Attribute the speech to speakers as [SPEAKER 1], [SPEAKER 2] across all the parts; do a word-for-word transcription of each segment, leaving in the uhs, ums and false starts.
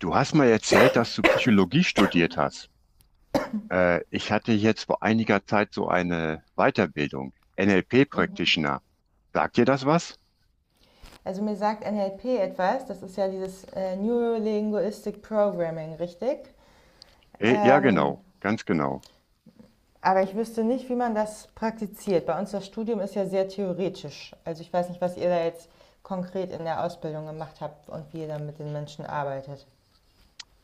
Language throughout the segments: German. [SPEAKER 1] Du hast mal erzählt, dass du Psychologie studiert hast. Äh, ich hatte jetzt vor einiger Zeit so eine Weiterbildung, N L P Practitioner. Sagt dir das was?
[SPEAKER 2] Also mir sagt N L P etwas, das ist ja dieses äh, Neurolinguistic Programming, richtig?
[SPEAKER 1] Äh, ja,
[SPEAKER 2] Ähm,
[SPEAKER 1] genau, ganz genau.
[SPEAKER 2] aber ich wüsste nicht, wie man das praktiziert. Bei uns das Studium ist ja sehr theoretisch. Also ich weiß nicht, was ihr da jetzt konkret in der Ausbildung gemacht habt und wie ihr dann mit den Menschen arbeitet.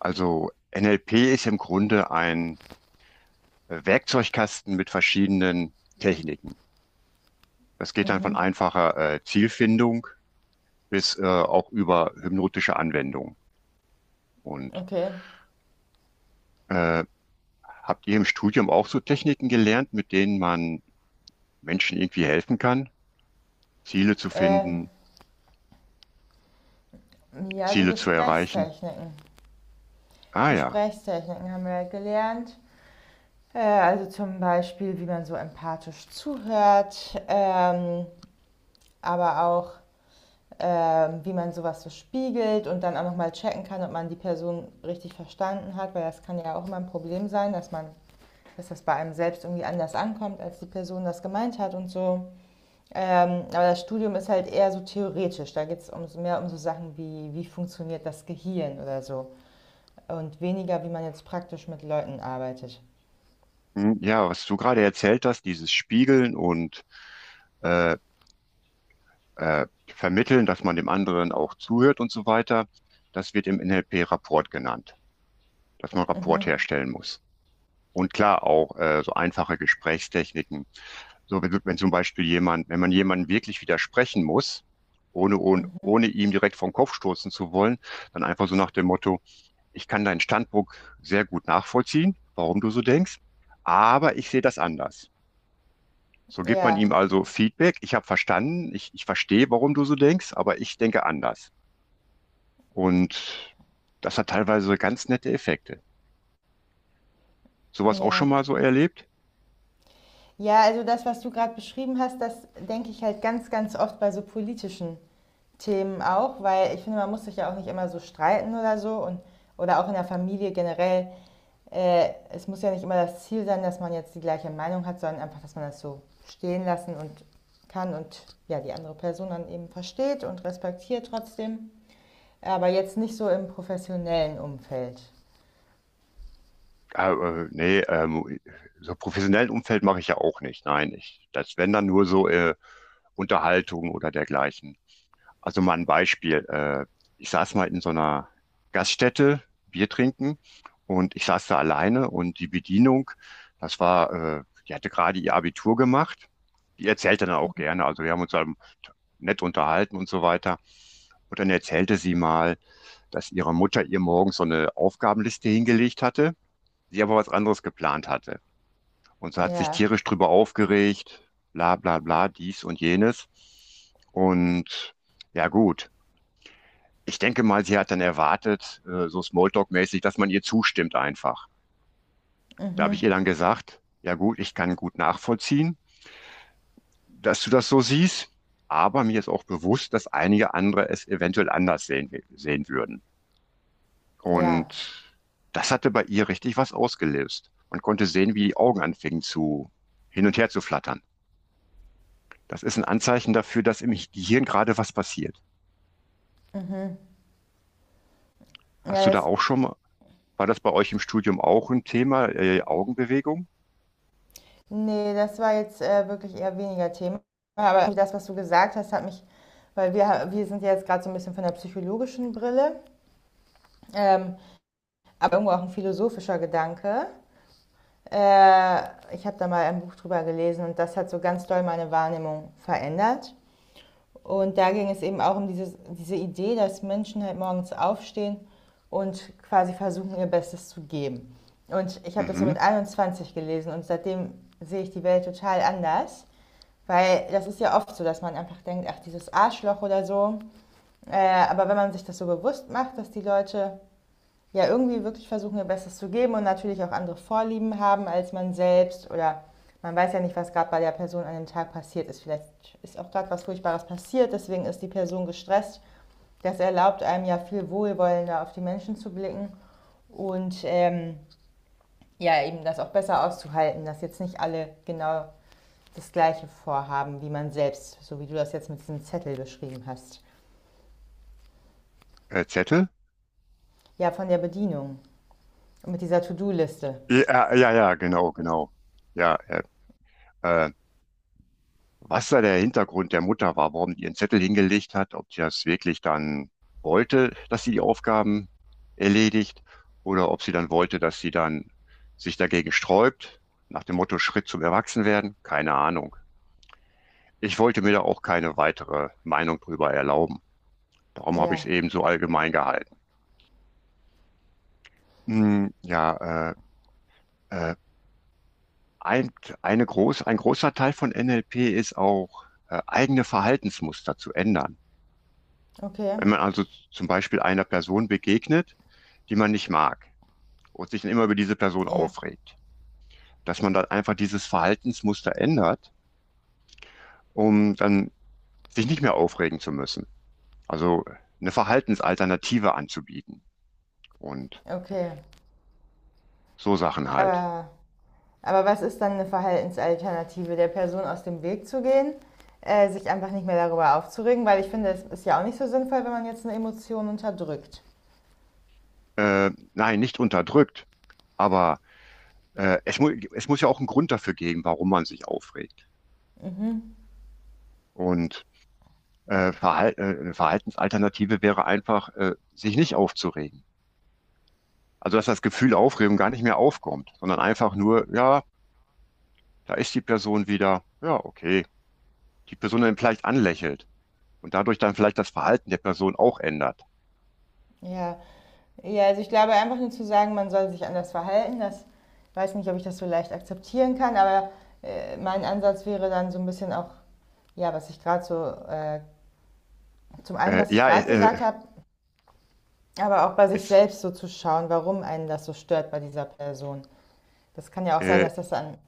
[SPEAKER 1] Also N L P ist im Grunde ein äh, Werkzeugkasten mit verschiedenen Techniken. Das geht dann von
[SPEAKER 2] Mhm.
[SPEAKER 1] einfacher äh, Zielfindung bis äh, auch über hypnotische Anwendung. Und
[SPEAKER 2] Okay.
[SPEAKER 1] äh, habt ihr im Studium auch so Techniken gelernt, mit denen man Menschen irgendwie helfen kann? Ziele zu
[SPEAKER 2] Äh,
[SPEAKER 1] finden,
[SPEAKER 2] ja, so
[SPEAKER 1] Ziele zu erreichen.
[SPEAKER 2] Gesprächstechniken.
[SPEAKER 1] Ah ja.
[SPEAKER 2] Gesprächstechniken haben wir halt gelernt. Äh, also zum Beispiel, wie man so empathisch zuhört, ähm, aber auch ähm, wie man sowas so spiegelt und dann auch nochmal checken kann, ob man die Person richtig verstanden hat, weil das kann ja auch immer ein Problem sein, dass man dass das bei einem selbst irgendwie anders ankommt, als die Person das gemeint hat und so. Ähm, aber das Studium ist halt eher so theoretisch. Da geht es um, so, mehr um so Sachen wie, wie funktioniert das Gehirn oder so. Und weniger, wie man jetzt praktisch mit Leuten arbeitet.
[SPEAKER 1] Hm, ja, was du gerade erzählt hast, dieses Spiegeln und äh, äh, Vermitteln, dass man dem anderen auch zuhört und so weiter, das wird im N L P Rapport genannt, dass man Rapport
[SPEAKER 2] Mhm.
[SPEAKER 1] herstellen muss. Und klar auch äh, so einfache Gesprächstechniken. So, wenn, du- wenn zum Beispiel jemand, wenn man jemanden wirklich widersprechen muss, ohne, ohne, ohne
[SPEAKER 2] Mhm.
[SPEAKER 1] ihm direkt vom Kopf stoßen zu wollen, dann einfach so nach dem Motto, ich kann deinen Standpunkt sehr gut nachvollziehen, warum du so denkst, aber ich sehe das anders. So gibt man ihm
[SPEAKER 2] Ja,
[SPEAKER 1] also Feedback, ich habe verstanden, ich, ich verstehe, warum du so denkst, aber ich denke anders. Und das hat teilweise ganz nette Effekte. Sowas auch schon
[SPEAKER 2] ja.
[SPEAKER 1] mal so erlebt?
[SPEAKER 2] Ja, also das, was du gerade beschrieben hast, das denke ich halt ganz, ganz oft bei so politischen Themen auch, weil ich finde, man muss sich ja auch nicht immer so streiten oder so und oder auch in der Familie generell. Äh, es muss ja nicht immer das Ziel sein, dass man jetzt die gleiche Meinung hat, sondern einfach, dass man das so stehen lassen und kann und ja die andere Person dann eben versteht und respektiert trotzdem. Aber jetzt nicht so im professionellen Umfeld.
[SPEAKER 1] Ah, äh, nee, ähm, so professionellen Umfeld mache ich ja auch nicht. Nein, ich, das wenn dann nur so äh, Unterhaltung oder dergleichen. Also mal ein Beispiel. Äh, ich saß mal in so einer Gaststätte, Bier trinken und ich saß da alleine und die Bedienung, das war, äh, die hatte gerade ihr Abitur gemacht. Die erzählte dann auch gerne. Also wir haben uns dann nett unterhalten und so weiter. Und dann erzählte sie mal, dass ihre Mutter ihr morgens so eine Aufgabenliste hingelegt hatte, sie aber was anderes geplant hatte. Und so hat sich
[SPEAKER 2] Ja,
[SPEAKER 1] tierisch drüber aufgeregt, bla bla bla, dies und jenes. Und ja gut, ich denke mal, sie hat dann erwartet, äh, so Smalltalk-mäßig, dass man ihr zustimmt einfach. Da habe ich ihr dann gesagt, ja gut, ich kann gut nachvollziehen, dass du das so siehst, aber mir ist auch bewusst, dass einige andere es eventuell anders sehen, sehen würden.
[SPEAKER 2] ja.
[SPEAKER 1] Und das hatte bei ihr richtig was ausgelöst. Man konnte sehen, wie die Augen anfingen zu hin und her zu flattern. Das ist ein Anzeichen dafür, dass im Gehirn gerade was passiert.
[SPEAKER 2] Mhm.
[SPEAKER 1] Hast du
[SPEAKER 2] Ja,
[SPEAKER 1] da
[SPEAKER 2] das.
[SPEAKER 1] auch schon mal, war das bei euch im Studium auch ein Thema, äh, Augenbewegung?
[SPEAKER 2] Ne, das war jetzt, äh, wirklich eher weniger Thema. Aber das, was du gesagt hast, hat mich, weil wir wir sind ja jetzt gerade so ein bisschen von der psychologischen Brille, ähm, aber irgendwo auch ein philosophischer Gedanke. Äh, Ich habe da mal ein Buch drüber gelesen und das hat so ganz doll meine Wahrnehmung verändert. Und da ging es eben auch um dieses diese Idee, dass Menschen halt morgens aufstehen und quasi versuchen, ihr Bestes zu geben. Und ich habe das so
[SPEAKER 1] Mhm.
[SPEAKER 2] mit einundzwanzig gelesen und seitdem sehe ich die Welt total anders. Weil das ist ja oft so, dass man einfach denkt, ach, dieses Arschloch oder so. Äh, aber wenn man sich das so bewusst macht, dass die Leute ja irgendwie wirklich versuchen, ihr Bestes zu geben und natürlich auch andere Vorlieben haben als man selbst oder man weiß ja nicht, was gerade bei der Person an dem Tag passiert ist. Vielleicht ist auch gerade was Furchtbares passiert, deswegen ist die Person gestresst. Das erlaubt einem ja viel wohlwollender auf die Menschen zu blicken und ähm, ja, eben das auch besser auszuhalten, dass jetzt nicht alle genau das gleiche Vorhaben wie man selbst, so wie du das jetzt mit diesem Zettel beschrieben hast.
[SPEAKER 1] Äh, Zettel?
[SPEAKER 2] Ja, von der Bedienung und mit dieser To-Do-Liste.
[SPEAKER 1] Ja, äh, ja, ja, genau, genau. Ja, äh, äh, was da der Hintergrund der Mutter war, warum die ihren Zettel hingelegt hat, ob sie das wirklich dann wollte, dass sie die Aufgaben erledigt oder ob sie dann wollte, dass sie dann sich dagegen sträubt, nach dem Motto Schritt zum Erwachsenwerden, keine Ahnung. Ich wollte mir da auch keine weitere Meinung drüber erlauben. Darum habe ich
[SPEAKER 2] Ja,
[SPEAKER 1] es eben so allgemein gehalten. Hm, ja, äh, äh, ein, eine groß, ein großer Teil von N L P ist auch, äh, eigene Verhaltensmuster zu ändern.
[SPEAKER 2] okay.
[SPEAKER 1] Wenn man also zum Beispiel einer Person begegnet, die man nicht mag und sich dann immer über diese Person
[SPEAKER 2] Ja,
[SPEAKER 1] aufregt, dass man dann einfach dieses Verhaltensmuster ändert, um dann sich nicht mehr aufregen zu müssen. Also eine Verhaltensalternative anzubieten und
[SPEAKER 2] okay.
[SPEAKER 1] so Sachen halt.
[SPEAKER 2] Aber, aber was ist dann eine Verhaltensalternative? Der Person aus dem Weg zu gehen? Äh, sich einfach nicht mehr darüber aufzuregen, weil ich finde, es ist ja auch nicht so sinnvoll, wenn man jetzt eine Emotion unterdrückt.
[SPEAKER 1] Äh, nein, nicht unterdrückt, aber äh, es, mu es muss ja auch einen Grund dafür geben, warum man sich aufregt. Und äh, Verhal äh, eine Verhaltensalternative wäre einfach, äh, sich nicht aufzuregen. Also dass das Gefühl Aufregung gar nicht mehr aufkommt, sondern einfach nur, ja, da ist die Person wieder, ja, okay, die Person dann vielleicht anlächelt und dadurch dann vielleicht das Verhalten der Person auch ändert.
[SPEAKER 2] Ja. Ja, also ich glaube einfach nur zu sagen, man soll sich anders verhalten, das weiß nicht, ob ich das so leicht akzeptieren kann, aber äh, mein Ansatz wäre dann so ein bisschen auch, ja, was ich gerade so, äh, zum einen,
[SPEAKER 1] Äh,
[SPEAKER 2] was ich
[SPEAKER 1] ja, äh,
[SPEAKER 2] gerade
[SPEAKER 1] äh,
[SPEAKER 2] gesagt habe, aber auch bei sich
[SPEAKER 1] es,
[SPEAKER 2] selbst so zu schauen, warum einen das so stört bei dieser Person. Das kann ja auch sein,
[SPEAKER 1] äh,
[SPEAKER 2] dass das an,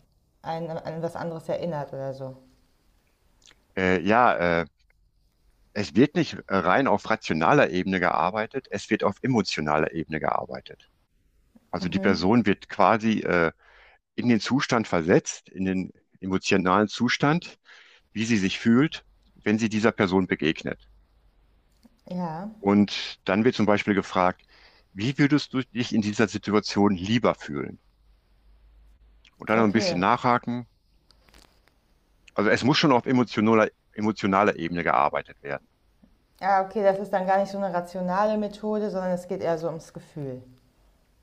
[SPEAKER 2] einen an was anderes erinnert oder so.
[SPEAKER 1] äh, ja, äh, Es wird nicht rein auf rationaler Ebene gearbeitet, es wird auf emotionaler Ebene gearbeitet. Also die Person wird quasi äh, in den Zustand versetzt, in den emotionalen Zustand, wie sie sich fühlt, wenn sie dieser Person begegnet.
[SPEAKER 2] Ja,
[SPEAKER 1] Und dann wird zum Beispiel gefragt, wie würdest du dich in dieser Situation lieber fühlen? Und dann noch ein bisschen
[SPEAKER 2] okay.
[SPEAKER 1] nachhaken. Also es muss schon auf emotionaler, emotionaler Ebene gearbeitet werden.
[SPEAKER 2] Ja, okay, das ist dann gar nicht so eine rationale Methode, sondern es geht eher so ums Gefühl.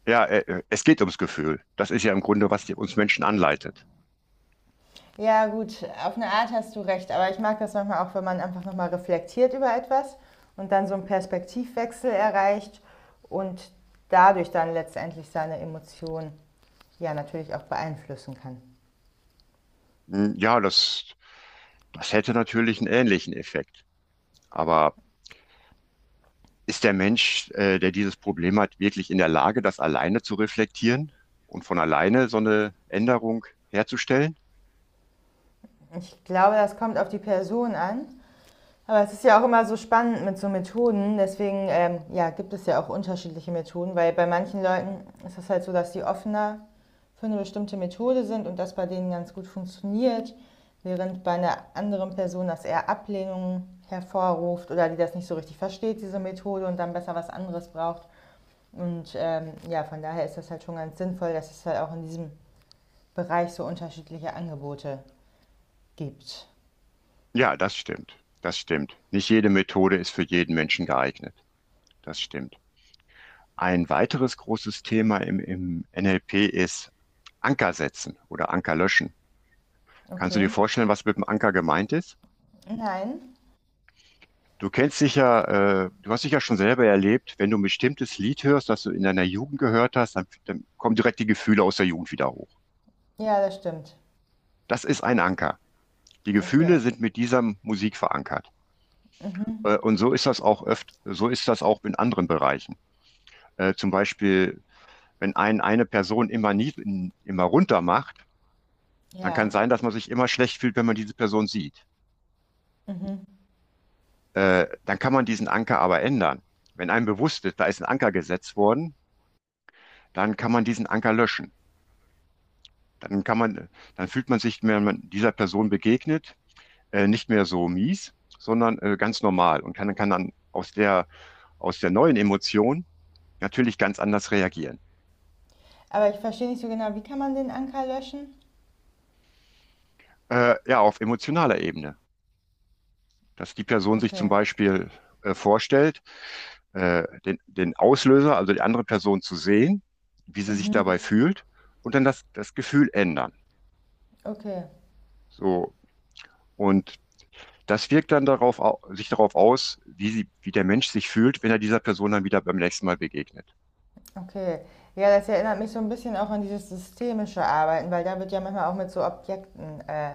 [SPEAKER 1] Ja, äh, äh, es geht ums Gefühl. Das ist ja im Grunde, was die, uns Menschen anleitet.
[SPEAKER 2] Ja, gut, auf eine Art hast du recht, aber ich mag das manchmal auch, wenn man einfach nochmal reflektiert über etwas und dann so einen Perspektivwechsel erreicht und dadurch dann letztendlich seine Emotionen ja natürlich auch beeinflussen kann.
[SPEAKER 1] Hm, ja, das, das hätte natürlich einen ähnlichen Effekt. Aber ist der Mensch, äh, der dieses Problem hat, wirklich in der Lage, das alleine zu reflektieren und von alleine so eine Änderung herzustellen?
[SPEAKER 2] Ich glaube, das kommt auf die Person an. Aber es ist ja auch immer so spannend mit so Methoden. Deswegen ähm, ja, gibt es ja auch unterschiedliche Methoden, weil bei manchen Leuten ist es halt so, dass die offener für eine bestimmte Methode sind und das bei denen ganz gut funktioniert, während bei einer anderen Person das eher Ablehnung hervorruft oder die das nicht so richtig versteht, diese Methode, und dann besser was anderes braucht. Und ähm, ja, von daher ist das halt schon ganz sinnvoll, dass es halt auch in diesem Bereich so unterschiedliche Angebote gibt.
[SPEAKER 1] Ja, das stimmt. Das stimmt. Nicht jede Methode ist für jeden Menschen geeignet. Das stimmt. Ein weiteres großes Thema im, im N L P ist Anker setzen oder Anker löschen. Kannst du
[SPEAKER 2] Okay.
[SPEAKER 1] dir vorstellen, was mit dem Anker gemeint ist?
[SPEAKER 2] Nein.
[SPEAKER 1] Du kennst sicher, äh, du hast sicher schon selber erlebt, wenn du ein bestimmtes Lied hörst, das du in deiner Jugend gehört hast, dann, dann kommen direkt die Gefühle aus der Jugend wieder hoch.
[SPEAKER 2] Ja, das stimmt.
[SPEAKER 1] Das ist ein Anker. Die Gefühle
[SPEAKER 2] Okay.
[SPEAKER 1] sind mit dieser Musik verankert. Äh,
[SPEAKER 2] Mhm.
[SPEAKER 1] und so ist das auch öft, so ist das auch in anderen Bereichen. Äh, zum Beispiel, wenn ein eine Person immer nie, immer runter macht, dann kann
[SPEAKER 2] Ja.
[SPEAKER 1] sein, dass man sich immer schlecht fühlt, wenn man diese Person sieht.
[SPEAKER 2] Mhm.
[SPEAKER 1] Äh, dann kann man diesen Anker aber ändern. Wenn einem bewusst ist, da ist ein Anker gesetzt worden, dann kann man diesen Anker löschen. Dann kann man, Dann fühlt man sich, wenn man dieser Person begegnet, äh, nicht mehr so mies, sondern äh, ganz normal und kann, kann dann aus der, aus der neuen Emotion natürlich ganz anders reagieren.
[SPEAKER 2] Aber ich verstehe nicht so genau, wie kann man den Anker löschen?
[SPEAKER 1] Äh, ja, auf emotionaler Ebene, dass die Person sich zum
[SPEAKER 2] Okay.
[SPEAKER 1] Beispiel äh, vorstellt, äh, den, den Auslöser, also die andere Person zu sehen, wie sie sich
[SPEAKER 2] Mhm.
[SPEAKER 1] dabei fühlt und dann das, das Gefühl ändern.
[SPEAKER 2] Okay.
[SPEAKER 1] So, und das wirkt dann darauf, au- sich darauf aus, wie sie, wie der Mensch sich fühlt, wenn er dieser Person dann wieder beim nächsten Mal begegnet.
[SPEAKER 2] Okay. Ja, das erinnert mich so ein bisschen auch an dieses systemische Arbeiten, weil da wird ja manchmal auch mit so Objekten äh,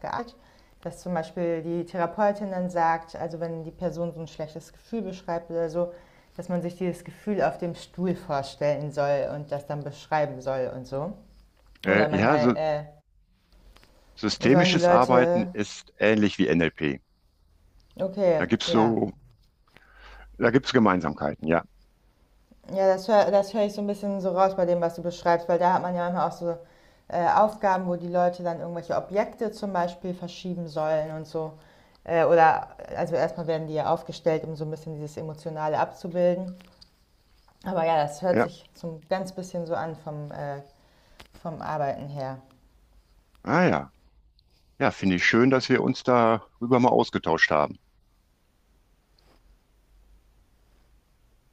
[SPEAKER 2] gearbeitet. Dass zum Beispiel die Therapeutin dann sagt, also wenn die Person so ein schlechtes Gefühl beschreibt oder so, dass man sich dieses Gefühl auf dem Stuhl vorstellen soll und das dann beschreiben soll und so.
[SPEAKER 1] Äh,
[SPEAKER 2] Oder
[SPEAKER 1] ja,
[SPEAKER 2] manchmal
[SPEAKER 1] so,
[SPEAKER 2] äh, sollen die
[SPEAKER 1] Systemisches Arbeiten
[SPEAKER 2] Leute,
[SPEAKER 1] ist ähnlich wie N L P. Da
[SPEAKER 2] okay,
[SPEAKER 1] gibt's
[SPEAKER 2] ja.
[SPEAKER 1] so, Da gibt's Gemeinsamkeiten, ja.
[SPEAKER 2] Ja, das höre das hör ich so ein bisschen so raus bei dem, was du beschreibst, weil da hat man ja manchmal auch so, äh, Aufgaben, wo die Leute dann irgendwelche Objekte zum Beispiel verschieben sollen und so. Äh, oder also, erstmal werden die ja aufgestellt, um so ein bisschen dieses Emotionale abzubilden. Aber ja, das hört
[SPEAKER 1] Ja.
[SPEAKER 2] sich so 'n ganz bisschen so an vom, äh vom Arbeiten her.
[SPEAKER 1] Ah ja. Ja, finde ich schön, dass wir uns darüber mal ausgetauscht haben.